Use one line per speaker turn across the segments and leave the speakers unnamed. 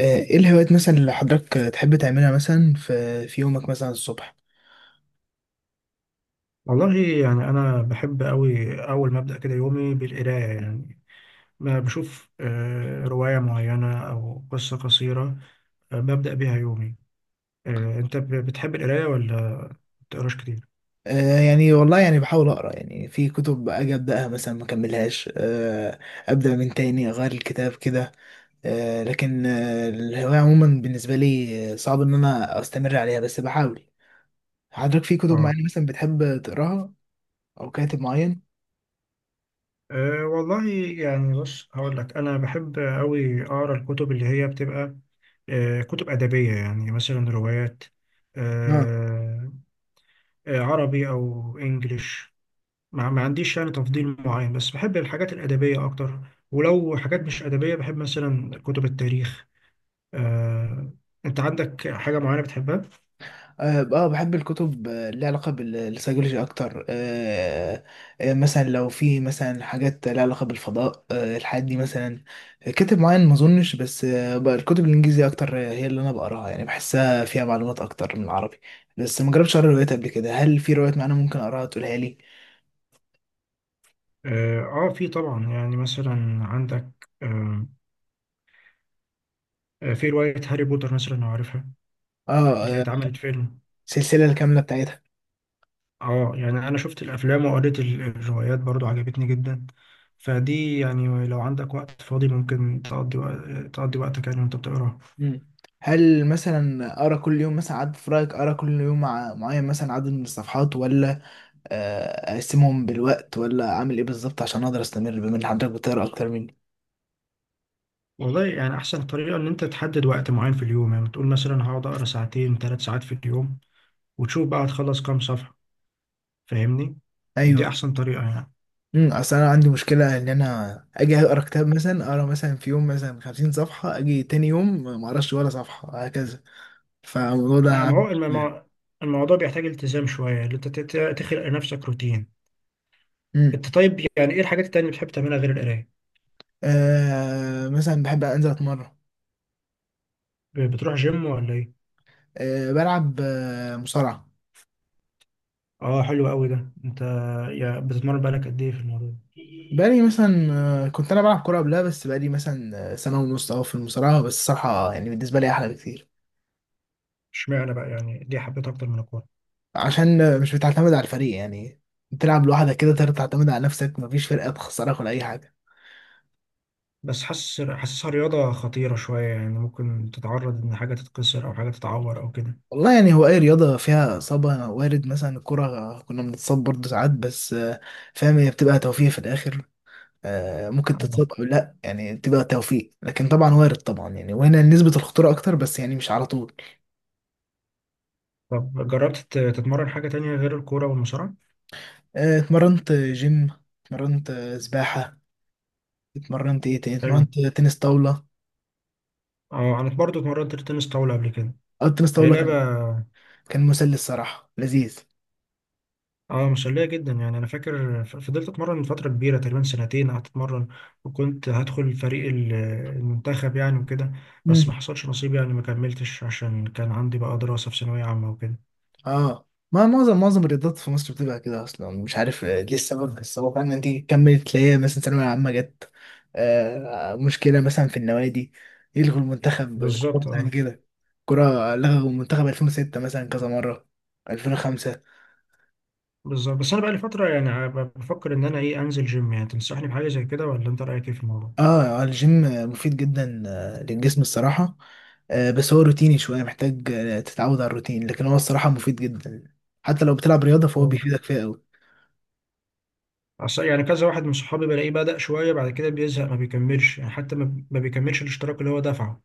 ايه الهوايات مثلا اللي حضرتك تحب تعملها مثلا في يومك مثلا الصبح؟
والله، يعني أنا بحب أوي أول ما أبدأ كده يومي بالقراية. يعني ما بشوف، رواية معينة أو قصة قصيرة. ببدأ بيها يومي. أنت بتحب القراية ولا بتقراش كتير؟
يعني والله يعني بحاول اقرا يعني في كتب اجي ابداها مثلا ما اكملهاش ابدا من تاني اغير الكتاب كده. لكن الهوايه عموما بالنسبه لي صعب ان انا استمر عليها بس بحاول. حضرتك في كتب
آه
معينه مثلا بتحب تقراها او كاتب معين؟
آه، والله، يعني بص هقول لك، أنا بحب أوي أقرأ الكتب اللي هي بتبقى كتب أدبية، يعني مثلا روايات. آه، عربي أو إنجليش. ما عنديش يعني تفضيل معين، بس بحب الحاجات الأدبية أكتر. ولو حاجات مش أدبية، بحب مثلا كتب التاريخ. آه، أنت عندك حاجة معينة بتحبها؟
اه. بحب الكتب اللي علاقة بالسيكولوجي اكتر. آه، مثلا لو في مثلا حاجات لها علاقة بالفضاء الحاجات دي مثلا. كاتب معين ما اظنش، بس بقى الكتب الانجليزية اكتر هي اللي انا بقراها، يعني بحسها فيها معلومات اكتر من العربي. بس ما جربتش اقرا روايات قبل كده. هل في روايات معينة ممكن اقراها تقولها لي؟
آه, آه، في طبعا، يعني مثلا عندك في رواية هاري بوتر مثلا، لو عارفها،
اه.
اللي هي
آه،
اتعملت فيلم.
السلسلة الكاملة بتاعتها.
يعني أنا شفت الأفلام وقريت الروايات برضو، عجبتني جدا. فدي يعني لو عندك وقت فاضي ممكن تقضي تقضي وقتك يعني وأنت بتقراها.
مم. هل مثلا اقرا كل يوم مثلا عدد، في رايك اقرا كل يوم مع معين مثلا عدد من الصفحات، ولا اقسمهم بالوقت، ولا اعمل ايه بالظبط عشان اقدر استمر بما ان حضرتك بتقرا اكتر مني؟
والله، يعني أحسن طريقة إن أنت تحدد وقت معين في اليوم. يعني تقول مثلا هقعد أقرأ ساعتين 3 ساعات في اليوم، وتشوف بقى هتخلص كام صفحة. فاهمني؟ دي
ايوه.
أحسن طريقة يعني.
اصل انا عندي مشكله ان انا اجي اقرا كتاب مثلا اقرا مثلا في يوم مثلا 50 صفحه، اجي تاني يوم ما اقراش ولا صفحه، هكذا فالموضوع ده
ما
عامل
هو
مشكلة.
الموضوع بيحتاج التزام شوية إن أنت تخلق لنفسك روتين.
امم
أنت طيب، يعني إيه الحاجات التانية اللي بتحب تعملها غير القراية؟
مثلا بحب انزل اتمرن.
بتروح جيم ولا إيه؟
بلعب مصارعه.
آه، حلو أوي ده. أنت يعني بتتمرن بقالك قد إيه في الموضوع ده؟
بقالي مثلا كنت انا بلعب كوره قبلها، بس بقالي مثلا سنه ونص اهو في المصارعه، بس الصراحه يعني بالنسبه لي احلى بكتير.
اشمعنى بقى يعني دي حبيتها أكتر من الكورة؟
عشان مش بتعتمد على الفريق يعني، بتلعب لوحدك كده تقدر تعتمد على نفسك، مفيش فرقة تخسرك ولا أي حاجة.
بس حاسسها رياضة خطيرة شوية، يعني ممكن تتعرض إن حاجة تتكسر أو حاجة تتعور أو كده.
والله يعني هو أي رياضة فيها إصابة وارد، مثلا الكرة كنا بنتصاب برضه ساعات، بس فاهم هي بتبقى توفيق في الآخر. ممكن
اه،
تتصاب أو لأ، يعني بتبقى توفيق، لكن طبعا وارد طبعا يعني، وهنا نسبة الخطورة أكتر بس يعني مش على طول.
طب جربت تتمرن حاجة تانية غير الكورة والمصارعة؟
اتمرنت جيم، اتمرنت سباحة، اتمرنت إيه تاني،
حلو.
اتمرنت تنس طاولة.
اه، أنا برضه اتمرنت تنس طاولة قبل كده.
أو التنس
هي
طاولة
لعبة.
كان مسلي الصراحة، لذيذ.
اه، مسلية جدا. يعني أنا فاكر، فضلت أتمرن من فترة كبيرة، تقريبا سنتين قعدت أتمرن، وكنت هدخل فريق المنتخب يعني وكده. بس ما حصلش نصيب يعني، ما كملتش عشان كان عندي بقى دراسة في ثانوية عامة وكده.
اه. ما معظم الرياضات في مصر بتبقى كده اصلا، مش عارف ليه السبب، بس هو فعلا انت كملت تلاقيها مثلا ثانويه عامه جت. مشكله مثلا في النوادي، يلغوا المنتخب الكوره
بالظبط،
مثلا
اه،
كده. الكوره لغوا المنتخب 2006 مثلا كذا مره، 2005.
بالظبط. بس أنا بقى لي فترة يعني، بفكر إن أنا إيه، أنزل جيم يعني. تنصحني بحاجة زي كده، ولا أنت رأيك إيه في الموضوع؟
اه. الجيم مفيد جدا للجسم الصراحه. بس هو روتيني شويه، محتاج تتعود على الروتين، لكن هو الصراحه مفيد جدا. حتى لو بتلعب رياضه فهو بيفيدك فيها قوي.
عشان يعني كذا واحد من صحابي بلاقيه بدأ شوية، بعد كده بيزهق ما بيكملش يعني، حتى ما بيكملش الاشتراك اللي هو دفعه.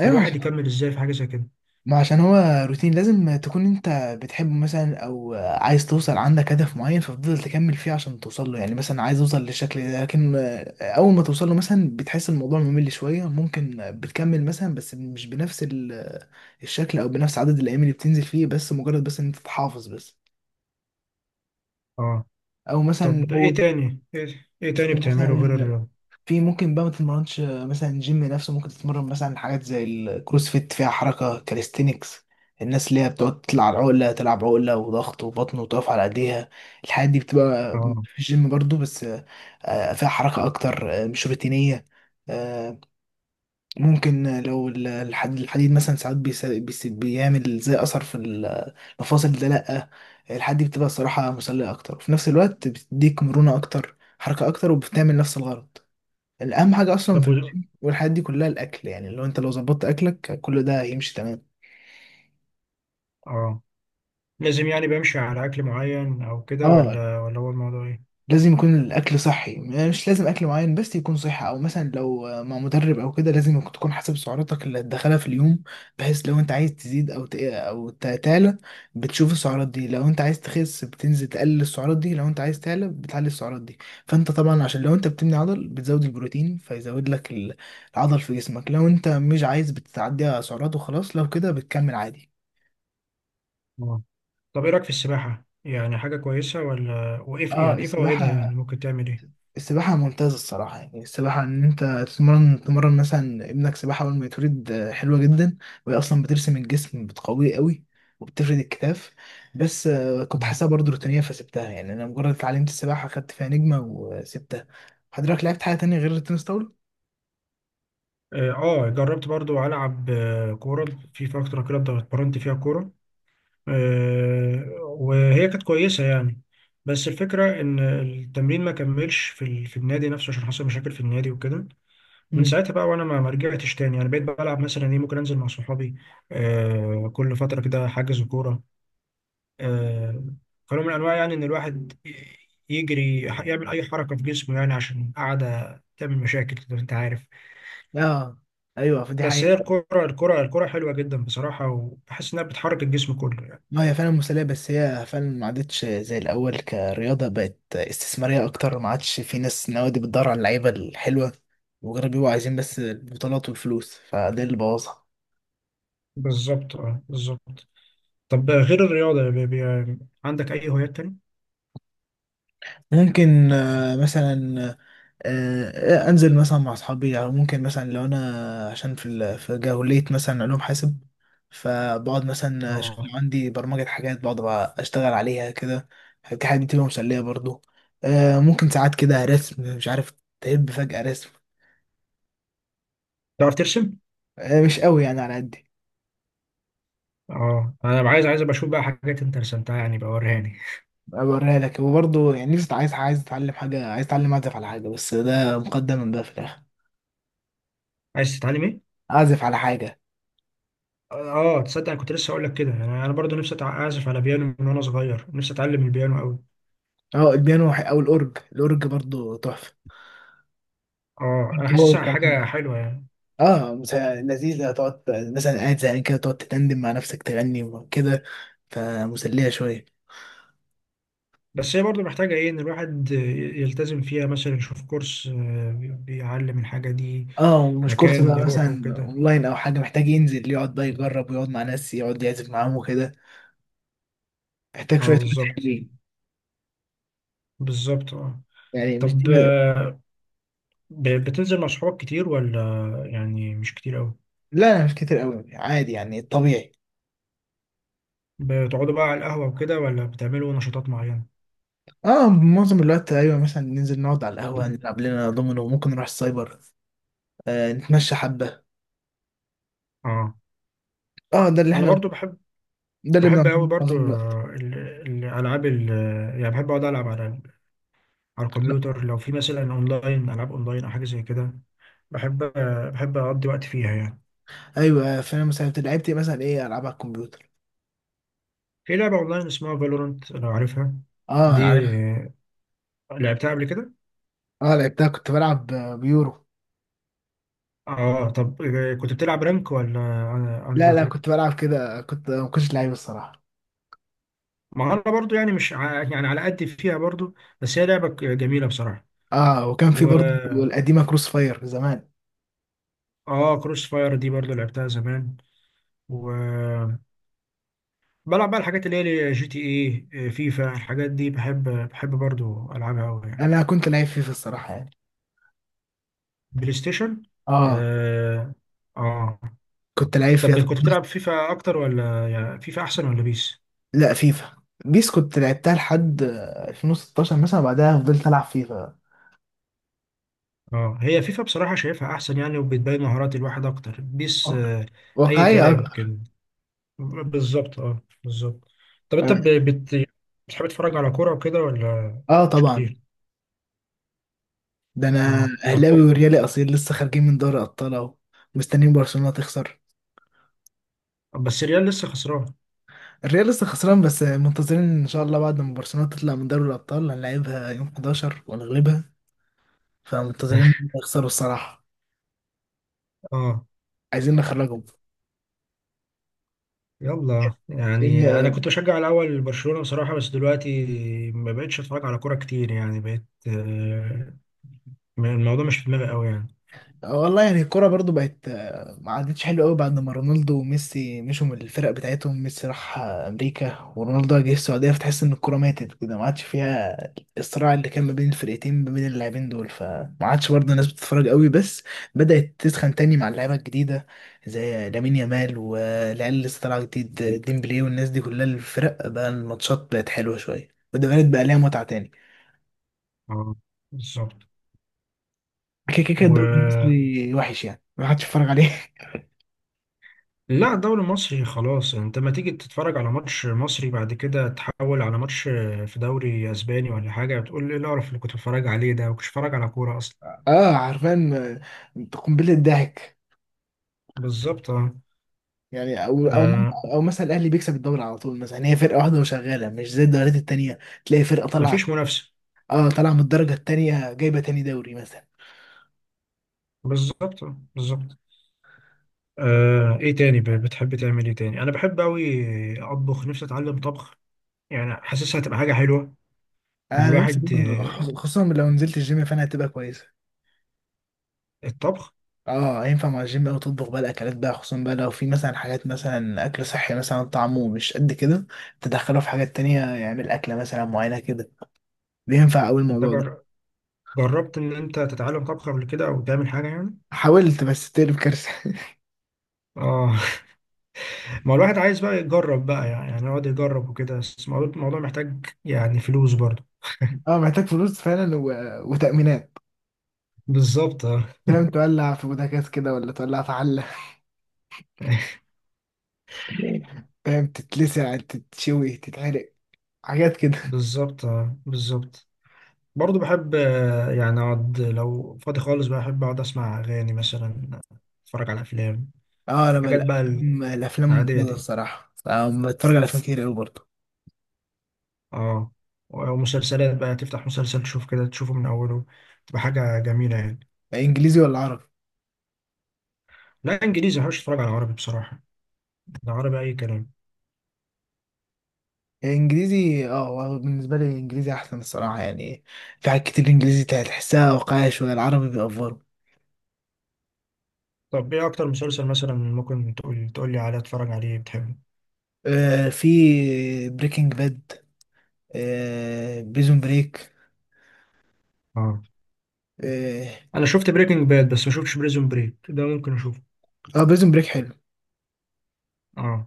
ايوه.
يكمل ازاي في حاجة زي كده؟
ما عشان هو روتين لازم تكون انت بتحبه مثلا، او عايز توصل عندك هدف معين فتفضل تكمل فيه عشان توصل له، يعني مثلا عايز اوصل للشكل ده. لكن اول ما توصل له مثلا بتحس الموضوع ممل شوية، ممكن بتكمل مثلا بس مش بنفس الشكل او بنفس عدد الايام اللي بتنزل فيه، بس مجرد بس ان انت تحافظ بس.
اه،
او مثلا
طب
لو
ايه تاني إيه تاني
في
بتعمله غير
مثلا
الرياضة؟
في، ممكن بقى ما تتمرنش مثلا جيم نفسه، ممكن تتمرن مثلا حاجات زي الكروس فيت فيها حركة كاليستينكس. الناس اللي هي بتقعد تطلع عقلة تلعب عقلة وضغط وبطن وتقف على ايديها، الحاجات دي بتبقى
اه،
في الجيم برضو، بس فيها حركة اكتر مش روتينية. آه، ممكن لو الحديد مثلا ساعات بيعمل زي اثر في المفاصل ده، لا الحاجات دي بتبقى الصراحة مسلية اكتر، وفي نفس الوقت بتديك مرونة اكتر حركة اكتر وبتعمل نفس الغرض. الأهم حاجة أصلا
طب
في الجيم والحاجات دي كلها الأكل، يعني لو ظبطت أكلك كل ده هيمشي تمام.
اه، لازم يعني بمشي على أكل معين أو كده،
اه.
ولا هو الموضوع ايه؟
لازم يكون الأكل صحي، مش لازم أكل معين بس يكون صحي، أو مثلا لو مع مدرب أو كده لازم تكون حاسب سعراتك اللي هتدخلها في اليوم، بحيث لو أنت عايز تزيد أو تعلى بتشوف السعرات دي، لو أنت عايز تخس بتنزل تقلل السعرات دي، لو أنت عايز تعلى بتعلي السعرات دي. فأنت طبعا عشان لو أنت بتبني عضل بتزود البروتين فيزود لك العضل في جسمك، لو أنت مش عايز بتعدي على سعرات وخلاص، لو كده بتكمل عادي.
اه، طب ايه رأيك في السباحة، يعني حاجة كويسة ولا، وايه
اه.
يعني ايه فوائدها، يعني
السباحة
ممكن تعمل ايه؟
السباحة ممتازة الصراحة، يعني السباحة إن أنت تمرن مثلا ابنك سباحة أول ما يتولد حلوة جدا. وهي أصلا بترسم الجسم بتقويه قوي وبتفرد الكتاف. بس كنت
اه.
حاسسها برضه روتينية فسبتها، يعني أنا مجرد اتعلمت السباحة خدت فيها نجمة وسبتها. حضرتك لعبت حاجة تانية غير التنس طاولة؟
آه، جربت برضو ألعب كورة في فترة كده، اتمرنت فيها كورة. وهي كانت كويسة يعني. بس الفكرة إن التمرين ما كملش في النادي نفسه عشان حصل مشاكل في النادي وكده. من
امم.
ساعتها بقى وأنا ما رجعتش تاني. يعني بقيت بلعب مثلا إيه، ممكن أنزل مع صحابي كل فترة كده، حجز كورة، آه، كنوع من أنواع يعني إن الواحد يجري يعمل أي حركة في جسمه، يعني عشان قاعدة تعمل مشاكل زي ما أنت عارف.
اه أيوه، فدي
بس هي
حقيقة.
الكرة حلوة جدا بصراحة، وبحس إنها بتحرك الجسم كله يعني.
ما هي فعلا مسلية، بس هي فعلا ما عادتش زي الأول، كرياضة بقت استثمارية أكتر، ما عادش في ناس نوادي بتدور على اللعيبة الحلوة، مجرد بيبقوا عايزين بس البطولات والفلوس، فده اللي بوظها.
بالظبط، اه، بالظبط. طب غير الرياضة، بي بي عندك أي هوايات تاني؟
ممكن مثلا أنزل مثلا مع أصحابي، أو ممكن مثلا لو أنا عشان في في جاهلية مثلا علوم حاسب، فبقعد مثلا أشوف
اه،
لو عندي برمجة حاجات بقعد بقى أشتغل عليها كده. دي حاجة بتبقى مسلية برضو. ممكن ساعات كده رسم، مش عارف، تهب فجأة رسم.
تعرف ترسم؟
مش قوي يعني، على قدي.
اه، أنا عايز أبقى أشوف بقى حاجات أنت رسمتها يعني بقى، وريهاني.
بوريها لك، وبرضه يعني نفسي عايز اتعلم حاجه، عايز اتعلم اعزف على حاجه، بس ده مقدم من ده في الاخر.
عايز تتعلم إيه؟
اعزف على حاجه.
اه تصدق، أنا كنت لسه أقول لك كده. أنا برضه نفسي أعزف على بيانو من وأنا صغير، نفسي أتعلم البيانو أوي.
اه. البيانو او الاورج برضه تحفه.
اه، أنا
هو
حاسسها حاجة
كمان.
حلوة يعني.
اه لذيذ، هتقعد مثلا قاعد زهقان كده تقعد تتندم مع نفسك تغني وكده، فمسليه شويه.
بس هي برضه محتاجة إيه، إن الواحد يلتزم فيها، مثلا يشوف كورس بيعلم الحاجة دي،
اه. ومش كورس
مكان
بقى
يروحه
مثلا
كده.
اونلاين او حاجه، محتاج ينزل يقعد بقى يجرب ويقعد مع ناس يقعد يعزف معاهم وكده، محتاج شويه
اه،
وقت
بالظبط.
حلوين.
بالظبط، اه.
يعني مش دي،
طب
لا.
بتنزل مع صحابك كتير ولا؟ يعني مش كتير قوي.
لا، مش كتير قوي، عادي يعني طبيعي.
بتقعدوا بقى على القهوة وكده، ولا بتعملوا نشاطات معينة؟
اه. معظم الوقت ايوه، مثلا ننزل نقعد على القهوه نلعب لنا دومينو، ممكن نروح السايبر، نتمشى حبه.
اه،
اه. ده اللي
انا
احنا،
برضو
ده اللي
بحب
بنعمله
قوي
معظم
برضو
الوقت.
الالعاب ال- يعني بحب اقعد العب على على
لا
الكمبيوتر، لو في مثلا اونلاين، العاب اونلاين او حاجة زي كده. بحب بحب اقضي وقت فيها يعني.
ايوه. فانا مثلا، أنت لعبت إيه مثلا، ايه العاب على الكمبيوتر؟
في لعبة اونلاين اسمها فالورانت، لو عارفها.
اه،
دي
عارف.
لعبتها قبل كده.
اه. لعبتها كنت بلعب بيورو.
اه، طب كنت بتلعب رانك ولا
لا، لا،
انريتد؟
كنت بلعب كده، كنت ما كنتش لعيب الصراحه.
ما انا برضو يعني مش يعني على قد فيها برضو. بس هي لعبة جميلة بصراحة.
اه. وكان في
و
برضه القديمه كروس فاير زمان.
اه، كروس فاير دي برضو لعبتها زمان. و بلعب بقى الحاجات اللي هي جي تي اي، فيفا، الحاجات دي بحب برضو العبها قوي يعني.
انا كنت لعيب فيفا الصراحه يعني.
بلاي ستيشن.
اه
اه. اه،
كنت لعيب فيها،
طب
طب
كنت
خلاص.
بتلعب فيفا اكتر ولا فيفا احسن ولا بيس؟
لا، فيفا. بيس كنت لعبتها لحد 2016 مثلا، بعدها فضلت العب فيفا.
اه، هي فيفا بصراحة شايفها احسن يعني، وبتبين مهارات الواحد اكتر. بيس آه، اي
واقعية
كلام
أكتر.
كده. بالظبط، اه، بالظبط. طب انت بتحب تتفرج على كورة وكده ولا؟
اه
مش
طبعا.
كتير؟
ده انا
اه، طب
اهلاوي وريالي اصيل، لسه خارجين من دوري ابطال اهو، مستنيين برشلونة تخسر.
بس الريال لسه خسران.
الريال لسه خسران، بس منتظرين ان شاء الله بعد ما برشلونة تطلع من دوري الابطال هنلعبها يوم 11 ونغلبها، فمنتظرين إن هم يخسروا الصراحة،
اه،
عايزين نخرجهم.
يلا يعني انا
لان
كنت بشجع الاول برشلونة بصراحة، بس دلوقتي ما بقتش اتفرج على كورة كتير يعني. بقيت، الموضوع مش في دماغي قوي يعني.
والله يعني الكرة برضو بقت ما عادتش حلوة قوي بعد ما رونالدو وميسي مشوا من الفرق بتاعتهم، ميسي راح أمريكا، ورونالدو جه السعودية، فتحس إن الكرة ماتت كده، ما عادش فيها الصراع اللي كان ما بين الفرقتين ما بين اللاعبين دول، فما عادش برضه الناس بتتفرج قوي، بس بدأت تسخن تاني مع اللعيبة الجديدة، زي لامين يامال والعيال اللي لسه طالعة جديد ديمبلي والناس دي كلها، الفرق بقى الماتشات بقت حلوة شوية، وده بقى لها متعة تاني.
اه، بالظبط.
كده كده الدوري
و
المصري وحش، يعني ما حدش يتفرج عليه.
لا، الدوري المصري خلاص، انت ما تيجي تتفرج على ماتش مصري بعد كده تحول على ماتش في دوري اسباني ولا حاجه، بتقول ايه القرف اللي كنت بتفرج عليه ده، وكنتش بتفرج على كوره اصلا.
اه، عارفان. قنبله ضحك،
بالظبط اه.
يعني او او
آه،
او مثلا الاهلي بيكسب الدوري على طول مثلا، يعني هي فرقه واحده وشغاله، مش زي الدوريات التانيه تلاقي فرقه طالعه.
مفيش منافسه.
اه، طالعه من الدرجه التانيه جايبه تاني دوري مثلا.
بالظبط، بالظبط. ايه تاني بتحب تعمل ايه تاني؟ انا بحب قوي اطبخ، نفسي اتعلم طبخ. يعني حاسسها هتبقى حاجه حلوه، ان
انا نفسي
الواحد
برضه، خصوصا لو نزلت الجيم فانا هتبقى كويسه.
الطبخ.
اه. هينفع مع الجيم، او تطبخ بقى الاكلات بقى، خصوصا بقى لو في مثلا حاجات مثلا اكل صحي مثلا طعمه مش قد كده تدخله في حاجات تانية يعمل اكله مثلا معينه كده، بينفع قوي
انت
الموضوع ده.
جربت ان انت تتعلم طبخ قبل كده او تعمل حاجه يعني؟
حاولت بس تقلب كارثه.
اه، ما هو الواحد عايز بقى يجرب بقى، يعني يقعد يجرب وكده. بس الموضوع محتاج يعني فلوس برضه.
اه محتاج فلوس فعلا، و... وتأمينات.
بالظبط اه.
فاهم، تولع في بوتاجاز كده ولا تولع في حلة. فاهم، تتلسع تتشوي تتعرق، حاجات كده.
بالظبط، آه، بالظبط. برضه بحب، يعني اقعد لو فاضي خالص بقى، احب اقعد اسمع اغاني مثلا، اتفرج على افلام،
اه. انا بقى
حاجات بقى
الأفلام
العادية
ممتازة
دي.
الصراحة، أنا بتفرج على افلام كتير قوي برضه.
اه، ومسلسلات بقى تفتح مسلسل تشوف كده، تشوفه من اوله، تبقى حاجة جميلة يعني.
انجليزي ولا عربي؟
لا، انجليزي، ما بحبش اتفرج على عربي بصراحة. العربي اي كلام.
انجليزي. اه. هو بالنسبة لي انجليزي احسن الصراحة يعني، في حاجات كتير انجليزي تحسها واقعية شوية، العربي بيأفوروا.
طب ايه اكتر مسلسل مثلا ممكن تقول لي عليه اتفرج عليه بتحبه؟
في بريكنج باد، بريزون بريك.
اه،
اه.
انا شفت بريكنج باد، بس ما شفتش بريزون بريك. ده ممكن اشوفه.
بريزون بريك حلو.
اه،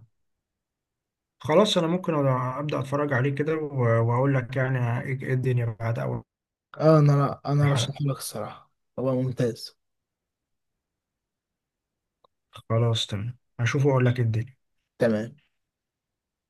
خلاص انا ممكن ابدا اتفرج عليه كده واقول لك يعني ايه إيه الدنيا بعد اول
اه. انا ارشحه
حلقة.
لك الصراحه، هو ممتاز.
خلاص تمام، هشوفه واقول لك إيه الدنيا.
تمام.